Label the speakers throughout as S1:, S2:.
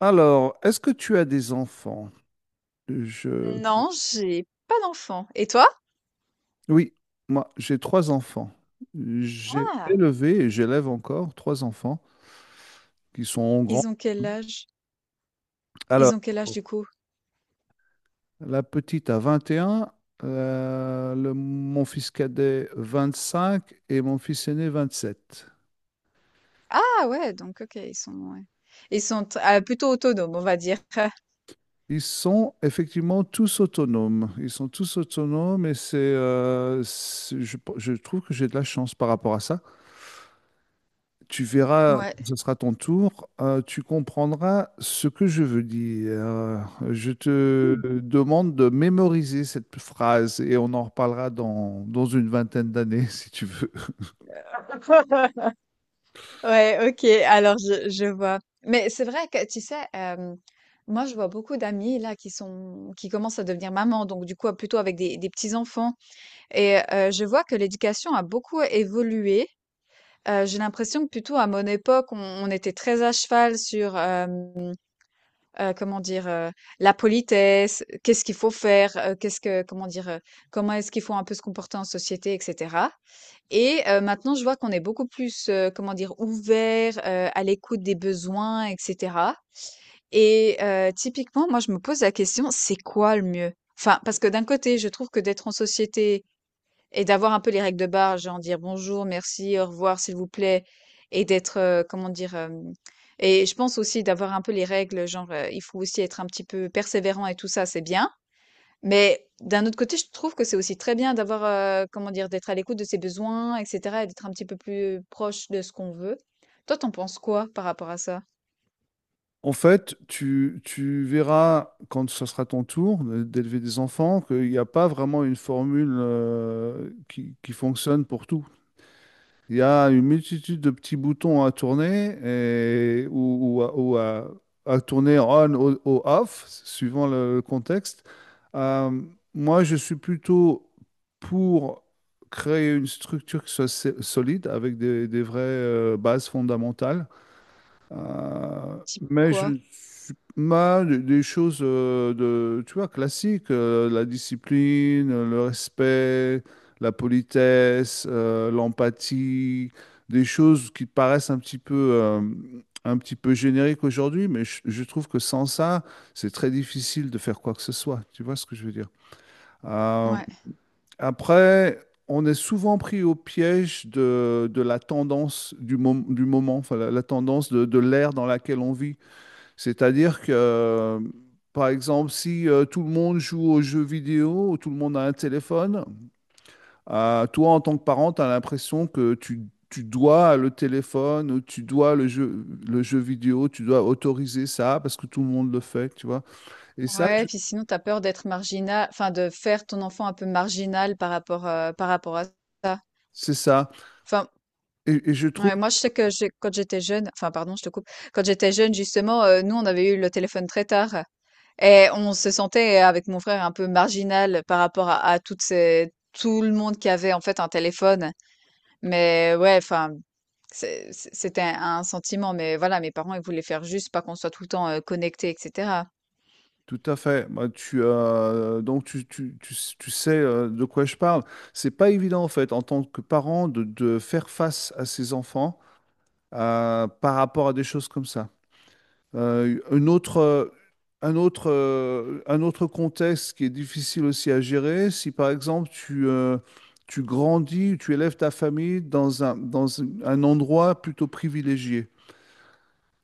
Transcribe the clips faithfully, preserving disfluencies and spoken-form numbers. S1: Alors, est-ce que tu as des enfants? Je...
S2: Non, j'ai pas d'enfant. Et toi?
S1: Oui, moi, j'ai trois enfants. J'ai
S2: Ah!
S1: élevé et j'élève encore trois enfants qui sont grands.
S2: Ils ont quel âge? Ils
S1: Alors,
S2: ont quel âge du coup?
S1: la petite a vingt et un, euh, le- mon fils cadet vingt cinq et mon fils aîné vingt sept.
S2: Ah ouais, donc OK, ils sont ouais. Ils sont t ah, plutôt autonomes, on va dire.
S1: Ils sont effectivement tous autonomes. Ils sont tous autonomes et c'est, euh, c'est- je, je trouve que j'ai de la chance par rapport à ça. Tu verras,
S2: Ouais.
S1: quand ce sera ton tour, euh, tu comprendras ce que je veux dire. Je
S2: Mmh.
S1: te demande de mémoriser cette phrase et on en reparlera dans, dans une vingtaine d'années, si tu veux.
S2: Ouais, OK, alors je je vois. Mais c'est vrai que tu sais, hem, moi je vois beaucoup d'amis là qui sont qui commencent à devenir maman, donc du coup plutôt avec des des petits-enfants et heu, je vois que l'éducation a beaucoup évolué. Heu, j'ai l'impression que plutôt à mon époque, on on était très à cheval sur, hem Heu, comment dire, heu, la politesse, euh, qu'est-ce qu'il faut faire, heu, qu'est-ce que comment dire, heu, comment est-ce qu'il faut un peu se comporter en société et cetera. Et heu, maintenant je vois qu'on est beaucoup plus, heu, comment dire, ouvert, heu, à l'écoute des besoins et cetera. Et heu, typiquement moi je me pose la question: «C'est quoi le mieux?» Enfin, parce que d'un côté je trouve que d'être en société et d'avoir un peu les règles de base, genre dire bonjour, merci, au revoir, s'il vous plaît, et d'être, heu, comment dire, hem et je pense aussi d'avoir un peu les règles, genre, heu, il faut aussi être un petit peu persévérant et tout ça, c'est bien. Mais d'un autre côté, je trouve que c'est aussi très bien d'avoir, heu, comment dire, d'être à l'écoute de ses besoins et cetera et d'être un petit peu plus proche de ce qu'on veut. Toi, t'en penses quoi par rapport à ça?
S1: En fait, tu, tu verras, quand ce sera ton tour euh, d'élever des enfants, qu'il n'y a pas vraiment une formule, euh, qui, qui fonctionne pour tout. Il y a une multitude de petits boutons à tourner et, ou, ou à, ou à- à tourner on ou, ou off, suivant le, le contexte. Euh, Moi, je suis plutôt pour créer une structure qui soit sé- solide avec des, des vraies euh, bases fondamentales euh,
S2: Type
S1: mais je
S2: quoi?
S1: suis mal des des choses euh, de, tu vois, classiques, euh, la discipline, euh, le respect, la politesse, euh, l'empathie, des choses qui paraissent un petit peu, euh, un petit peu génériques aujourd'hui, mais je, je trouve que sans ça, c'est très difficile de faire quoi que ce soit. Tu vois ce que je veux dire? Euh,
S2: Ouais.
S1: Après, on est souvent pris au piège de, de la tendance du, mom- du moment, enfin, la, la tendance de, de l'ère dans laquelle on vit. C'est-à-dire que, euh, par exemple, si euh, tout le monde joue aux jeux vidéo, ou tout le monde a un téléphone, euh, toi, en tant que parent, tu as l'impression que tu, tu dois le téléphone, ou tu dois le jeu, le jeu vidéo, tu dois autoriser ça parce que tout le monde le fait, tu vois. Et ça,
S2: Ouais, puis sinon, t'as peur d'être marginal, enfin de faire ton enfant un peu marginal par rapport, heu, par rapport à ça.
S1: c'est ça.
S2: Enfin,
S1: Et, et je trouve.
S2: ouais, moi, je sais que j'ai, quand j'étais jeune, enfin, pardon, je te coupe. Quand j'étais jeune, justement, euh, nous, on avait eu le téléphone très tard et on se sentait, euh, avec mon frère, un peu marginal par rapport à, à toutes ces, tout le monde qui avait, en fait, un téléphone. Mais ouais, enfin, c'est- c'est- c'était un, un sentiment. Mais voilà, mes parents, ils voulaient faire juste pas qu'on soit tout le temps euh, connecté, et cetera.
S1: Tout à fait. Bah, tu, euh, donc tu, tu, tu, s- tu sais euh, de quoi je parle. C'est pas évident en fait en tant que parent de, de faire face à ses enfants euh, par rapport à des choses comme ça. Euh, une autre, euh, un autre, euh, un autre contexte qui est difficile aussi à gérer, si par exemple tu, euh, tu grandis, tu élèves ta famille dans un, dans un endroit plutôt privilégié.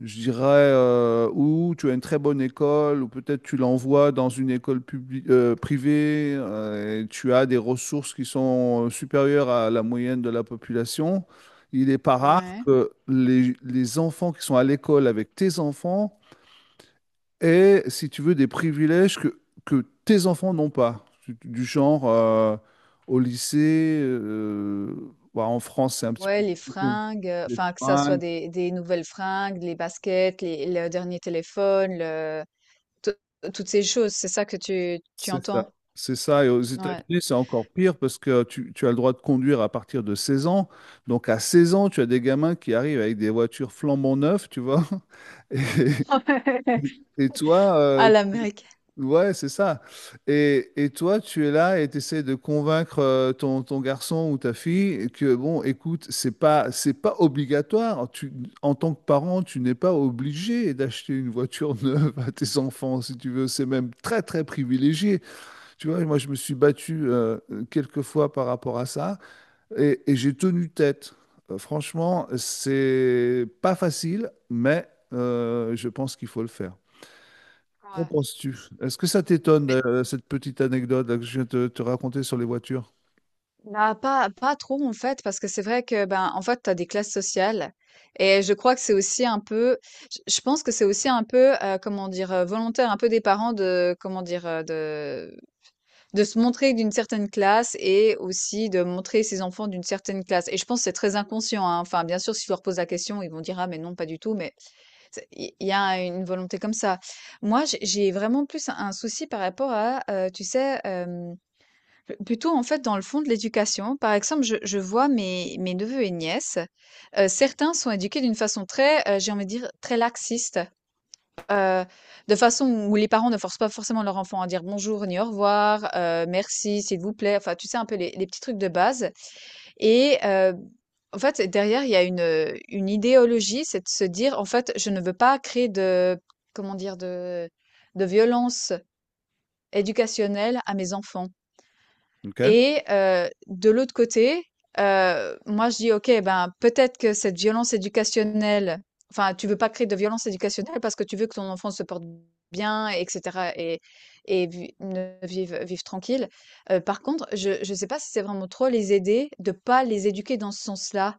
S1: Je dirais, euh, ou tu as une très bonne école, ou peut-être tu l'envoies dans une école publi- euh, privée, euh, et tu as des ressources qui sont euh, supérieures à la moyenne de la population. Il n'est pas rare
S2: Ouais.
S1: que les, les enfants qui sont à l'école avec tes enfants aient, si tu veux, des privilèges que, que tes enfants n'ont pas. Du du genre, euh, au lycée, euh, bah, en France, c'est un petit peu
S2: Ouais, les
S1: compliqué.
S2: fringues, heu,
S1: Les
S2: enfin, que ça soit
S1: fringues.
S2: des des nouvelles fringues, les baskets, les le dernier téléphone, le tout toutes ces choses, c'est ça que tu tu
S1: C'est ça.
S2: entends?
S1: C'est ça. Et aux
S2: Ouais.
S1: États-Unis, c'est encore pire parce que tu, tu as le droit de conduire à partir de seize ans. Donc, à seize ans, tu as des gamins qui arrivent avec des voitures flambant neuves, tu vois. Et, et toi,
S2: À
S1: euh,
S2: l'américaine,
S1: ouais, c'est ça. Et, et toi, tu es là et tu essaies de convaincre euh, ton, ton garçon ou ta fille que, bon, écoute, c'est pas, c'est pas obligatoire. Tu, en tant que parent, tu n'es pas obligé d'acheter une voiture neuve à tes enfants, si tu veux. C'est même très, très privilégié. Tu vois, moi, je me suis battu euh, quelques fois par rapport à ça et, et j'ai tenu tête. Euh, franchement, c'est pas facile, mais euh, je pense qu'il faut le faire. Qu'en
S2: ouais.
S1: penses-tu? Est-ce que ça t'étonne,
S2: Mais
S1: euh, cette petite anecdote là, que je viens de te, te raconter sur les voitures?
S2: bah, pas pas trop, en fait, parce que c'est vrai que, ben, en fait, tu as des classes sociales et je crois que c'est aussi un peu, je je pense que c'est aussi un peu, heu, comment dire? Heu, volontaire un peu des parents, de comment dire? Heu, de De se montrer d'une certaine classe et aussi de montrer ses enfants d'une certaine classe. Et je pense que c'est très inconscient, hein. Enfin, bien sûr, si je leur pose la question, ils vont dire, ah, mais non, pas du tout, mais c'est- il il y a une volonté comme ça. Moi, j'ai j'ai vraiment plus un un souci par rapport à, euh, tu sais, euh, plutôt en fait dans le fond de l'éducation. Par exemple, je, je vois mes, mes neveux et nièces, euh, certains sont éduqués d'une façon très, euh, j'ai envie de dire, très laxiste. Heu, de façon où les parents ne forcent pas forcément leur enfant à dire «bonjour» ni «au revoir», heu, «merci», «s'il vous plaît», enfin, tu sais, un peu les les petits trucs de base. Et heu, en fait, derrière, il y a une, heu, une idéologie, c'est de se dire: «En fait, je ne veux pas créer de, comment dire? De de violence éducationnelle à mes enfants».
S1: OK.
S2: Et heu, de l'autre côté, heu, moi je dis: «OK, ben, peut-être que cette violence éducationnelle, enfin, tu veux pas créer de violence éducationnelle parce que tu veux que ton enfant se porte bien et cetera et et vi ne vive vive tranquille». Heu, par contre, je je sais pas si c'est vraiment trop les aider de pas les éduquer dans ce sens-là.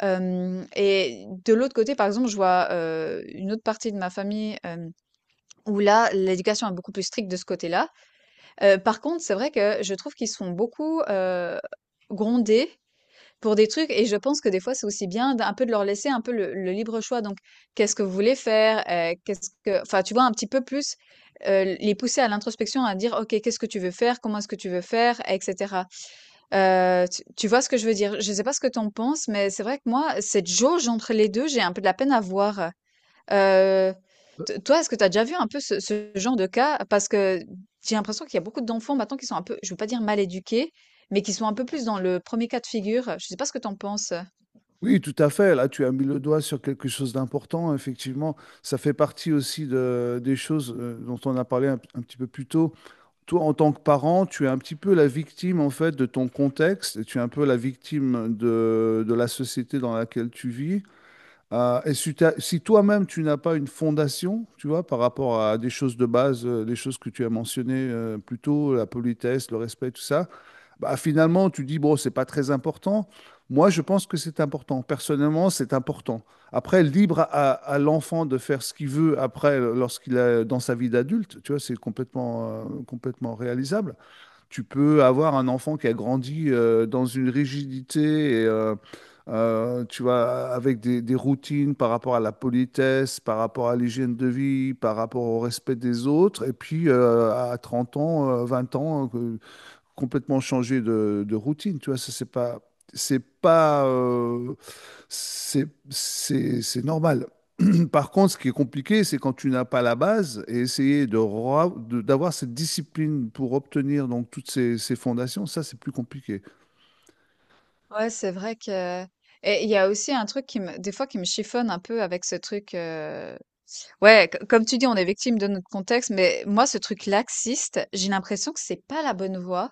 S2: Hem Et de l'autre côté, par exemple, je vois, heu, une autre partie de ma famille, hem, où là, l'éducation est beaucoup plus stricte de ce côté-là. Heu, par contre, c'est vrai que je trouve qu'ils sont beaucoup, heu, grondés pour des trucs, et je pense que des fois, c'est aussi bien d'un peu de leur laisser un peu le le libre choix. Donc, qu'est-ce que vous voulez faire? Heu, qu'est-ce que, enfin, tu vois? Un petit peu plus, heu, les pousser à l'introspection, à dire: «OK, qu'est-ce que tu veux faire? Comment est-ce que tu veux faire?» et cetera. Heu, tu tu vois ce que je veux dire? Je sais pas ce que tu en penses, mais c'est vrai que moi, cette jauge entre les deux, j'ai un peu de la peine à voir. Heu, t Toi, est-ce que tu as déjà vu un peu ce ce genre de cas? Parce que j'ai l'impression qu'il y a beaucoup d'enfants maintenant qui sont un peu, je veux pas dire mal éduqués, mais qui sont un peu plus dans le premier cas de figure. Je sais pas ce que tu en penses?
S1: Oui, tout à fait. Là, tu as mis le doigt sur quelque chose d'important. Effectivement, ça fait partie aussi de, des choses euh, dont on a parlé un, un petit peu plus tôt. toi, en tant que parent, tu es un petit peu la victime en fait de ton contexte et tu es un peu la victime de, de la société dans laquelle tu vis. Euh, et si, t'as- si toi-même tu n'as pas une fondation, tu vois, par rapport à des choses de base, euh, les choses que tu as mentionnées euh, plus tôt, la politesse, le respect, tout ça, bah, finalement, tu dis, bon, c'est pas très important. Moi, je pense que c'est important. Personnellement, c'est important. Après, libre à, à l'enfant de faire ce qu'il veut après, lorsqu'il est dans sa vie d'adulte, tu vois, c'est complètement, euh, complètement réalisable. Tu peux avoir un enfant qui a grandi euh, dans une rigidité et, euh, euh, tu vois, avec des, des routines par rapport à la politesse, par rapport à l'hygiène de vie, par rapport au respect des autres. Et puis, euh, à trente ans, euh, vingt ans, complètement changer de, de routine, tu vois, ça c'est pas, c'est pas, euh, c'est, c'est, c'est normal. Par contre, ce qui est compliqué, c'est quand tu n'as pas la base et essayer de, ra- de- d'avoir cette discipline pour obtenir donc toutes ces, ces fondations, ça c'est plus compliqué.
S2: Ouais, c'est vrai que et il y a aussi un truc qui me des fois qui me chiffonne un peu avec ce truc, euh, ouais, co- comme tu dis, on est victime de notre contexte, mais moi, ce truc laxiste, j'ai l'impression que c'est pas la bonne voie.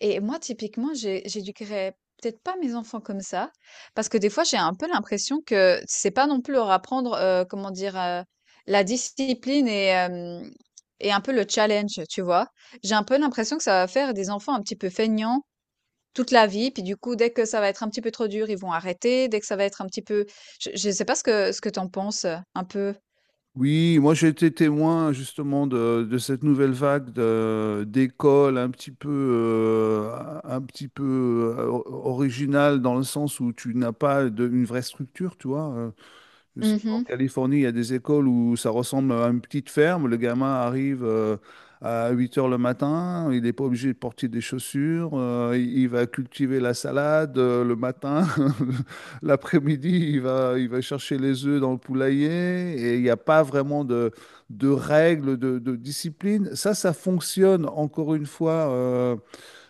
S2: Et moi, typiquement, j'ai, j'éduquerais peut-être pas mes enfants comme ça, parce que des fois, j'ai un peu l'impression que c'est pas non plus leur apprendre, euh, comment dire, euh, la discipline et, euh, et un peu le challenge, tu vois. J'ai un peu l'impression que ça va faire des enfants un petit peu feignants toute la vie, puis du coup, dès que ça va être un petit peu trop dur, ils vont arrêter, dès que ça va être un petit peu... Je, je sais pas ce que, ce que t'en penses, euh, un peu.
S1: Oui, moi j'ai été témoin justement de, de cette nouvelle vague de- d'écoles un petit peu, euh, un petit peu euh, originale dans le sens où tu n'as pas de- une vraie structure, tu vois. euh, Je sais qu'en Californie, il y a des écoles où ça ressemble à une petite ferme. Le gamin arrive euh, à huit heures le matin, il n'est pas obligé de porter des chaussures, euh, il il va cultiver la salade euh, le matin. L'après-midi, il va, il va chercher les œufs dans le poulailler et il n'y a pas vraiment de, de règles, de, de discipline. Ça, ça fonctionne encore une fois euh,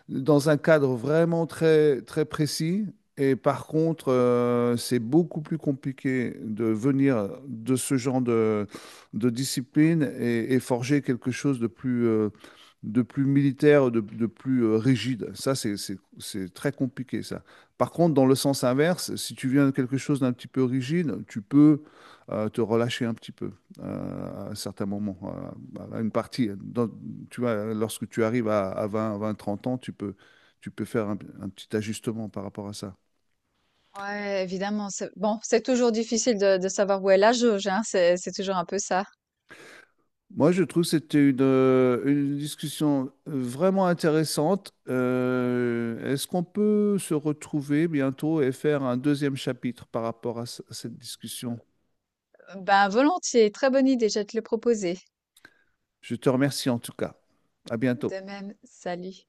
S1: dans un cadre vraiment très, très précis. Et par contre, euh, c'est beaucoup plus compliqué de venir de ce genre de, de discipline et, et forger quelque chose de plus, euh, de plus militaire, de, de plus euh, rigide. Ça, c'est, c'est, c'est très compliqué, ça. Par contre, dans le sens inverse, si tu viens de quelque chose d'un petit peu rigide, tu peux euh, te relâcher un petit peu euh, à certains moments, euh, à une partie. Dans, tu vois, lorsque tu arrives à, à vingt, vingt, trente ans, tu peux, tu peux faire un, un petit ajustement par rapport à ça.
S2: Ouais, évidemment. C'est... Bon, c'est toujours difficile de, de savoir où est la jauge, hein, c'est, c'est toujours un peu ça.
S1: Moi, je trouve que c'était une, euh, une discussion euh, vraiment intéressante. Euh, est-ce qu'on peut se retrouver bientôt et faire un deuxième chapitre par rapport à ce- à cette discussion?
S2: Euh, Ben, volontiers. Très bonne idée, je vais te le proposer.
S1: Je te remercie en tout cas. À bientôt.
S2: De même, salut.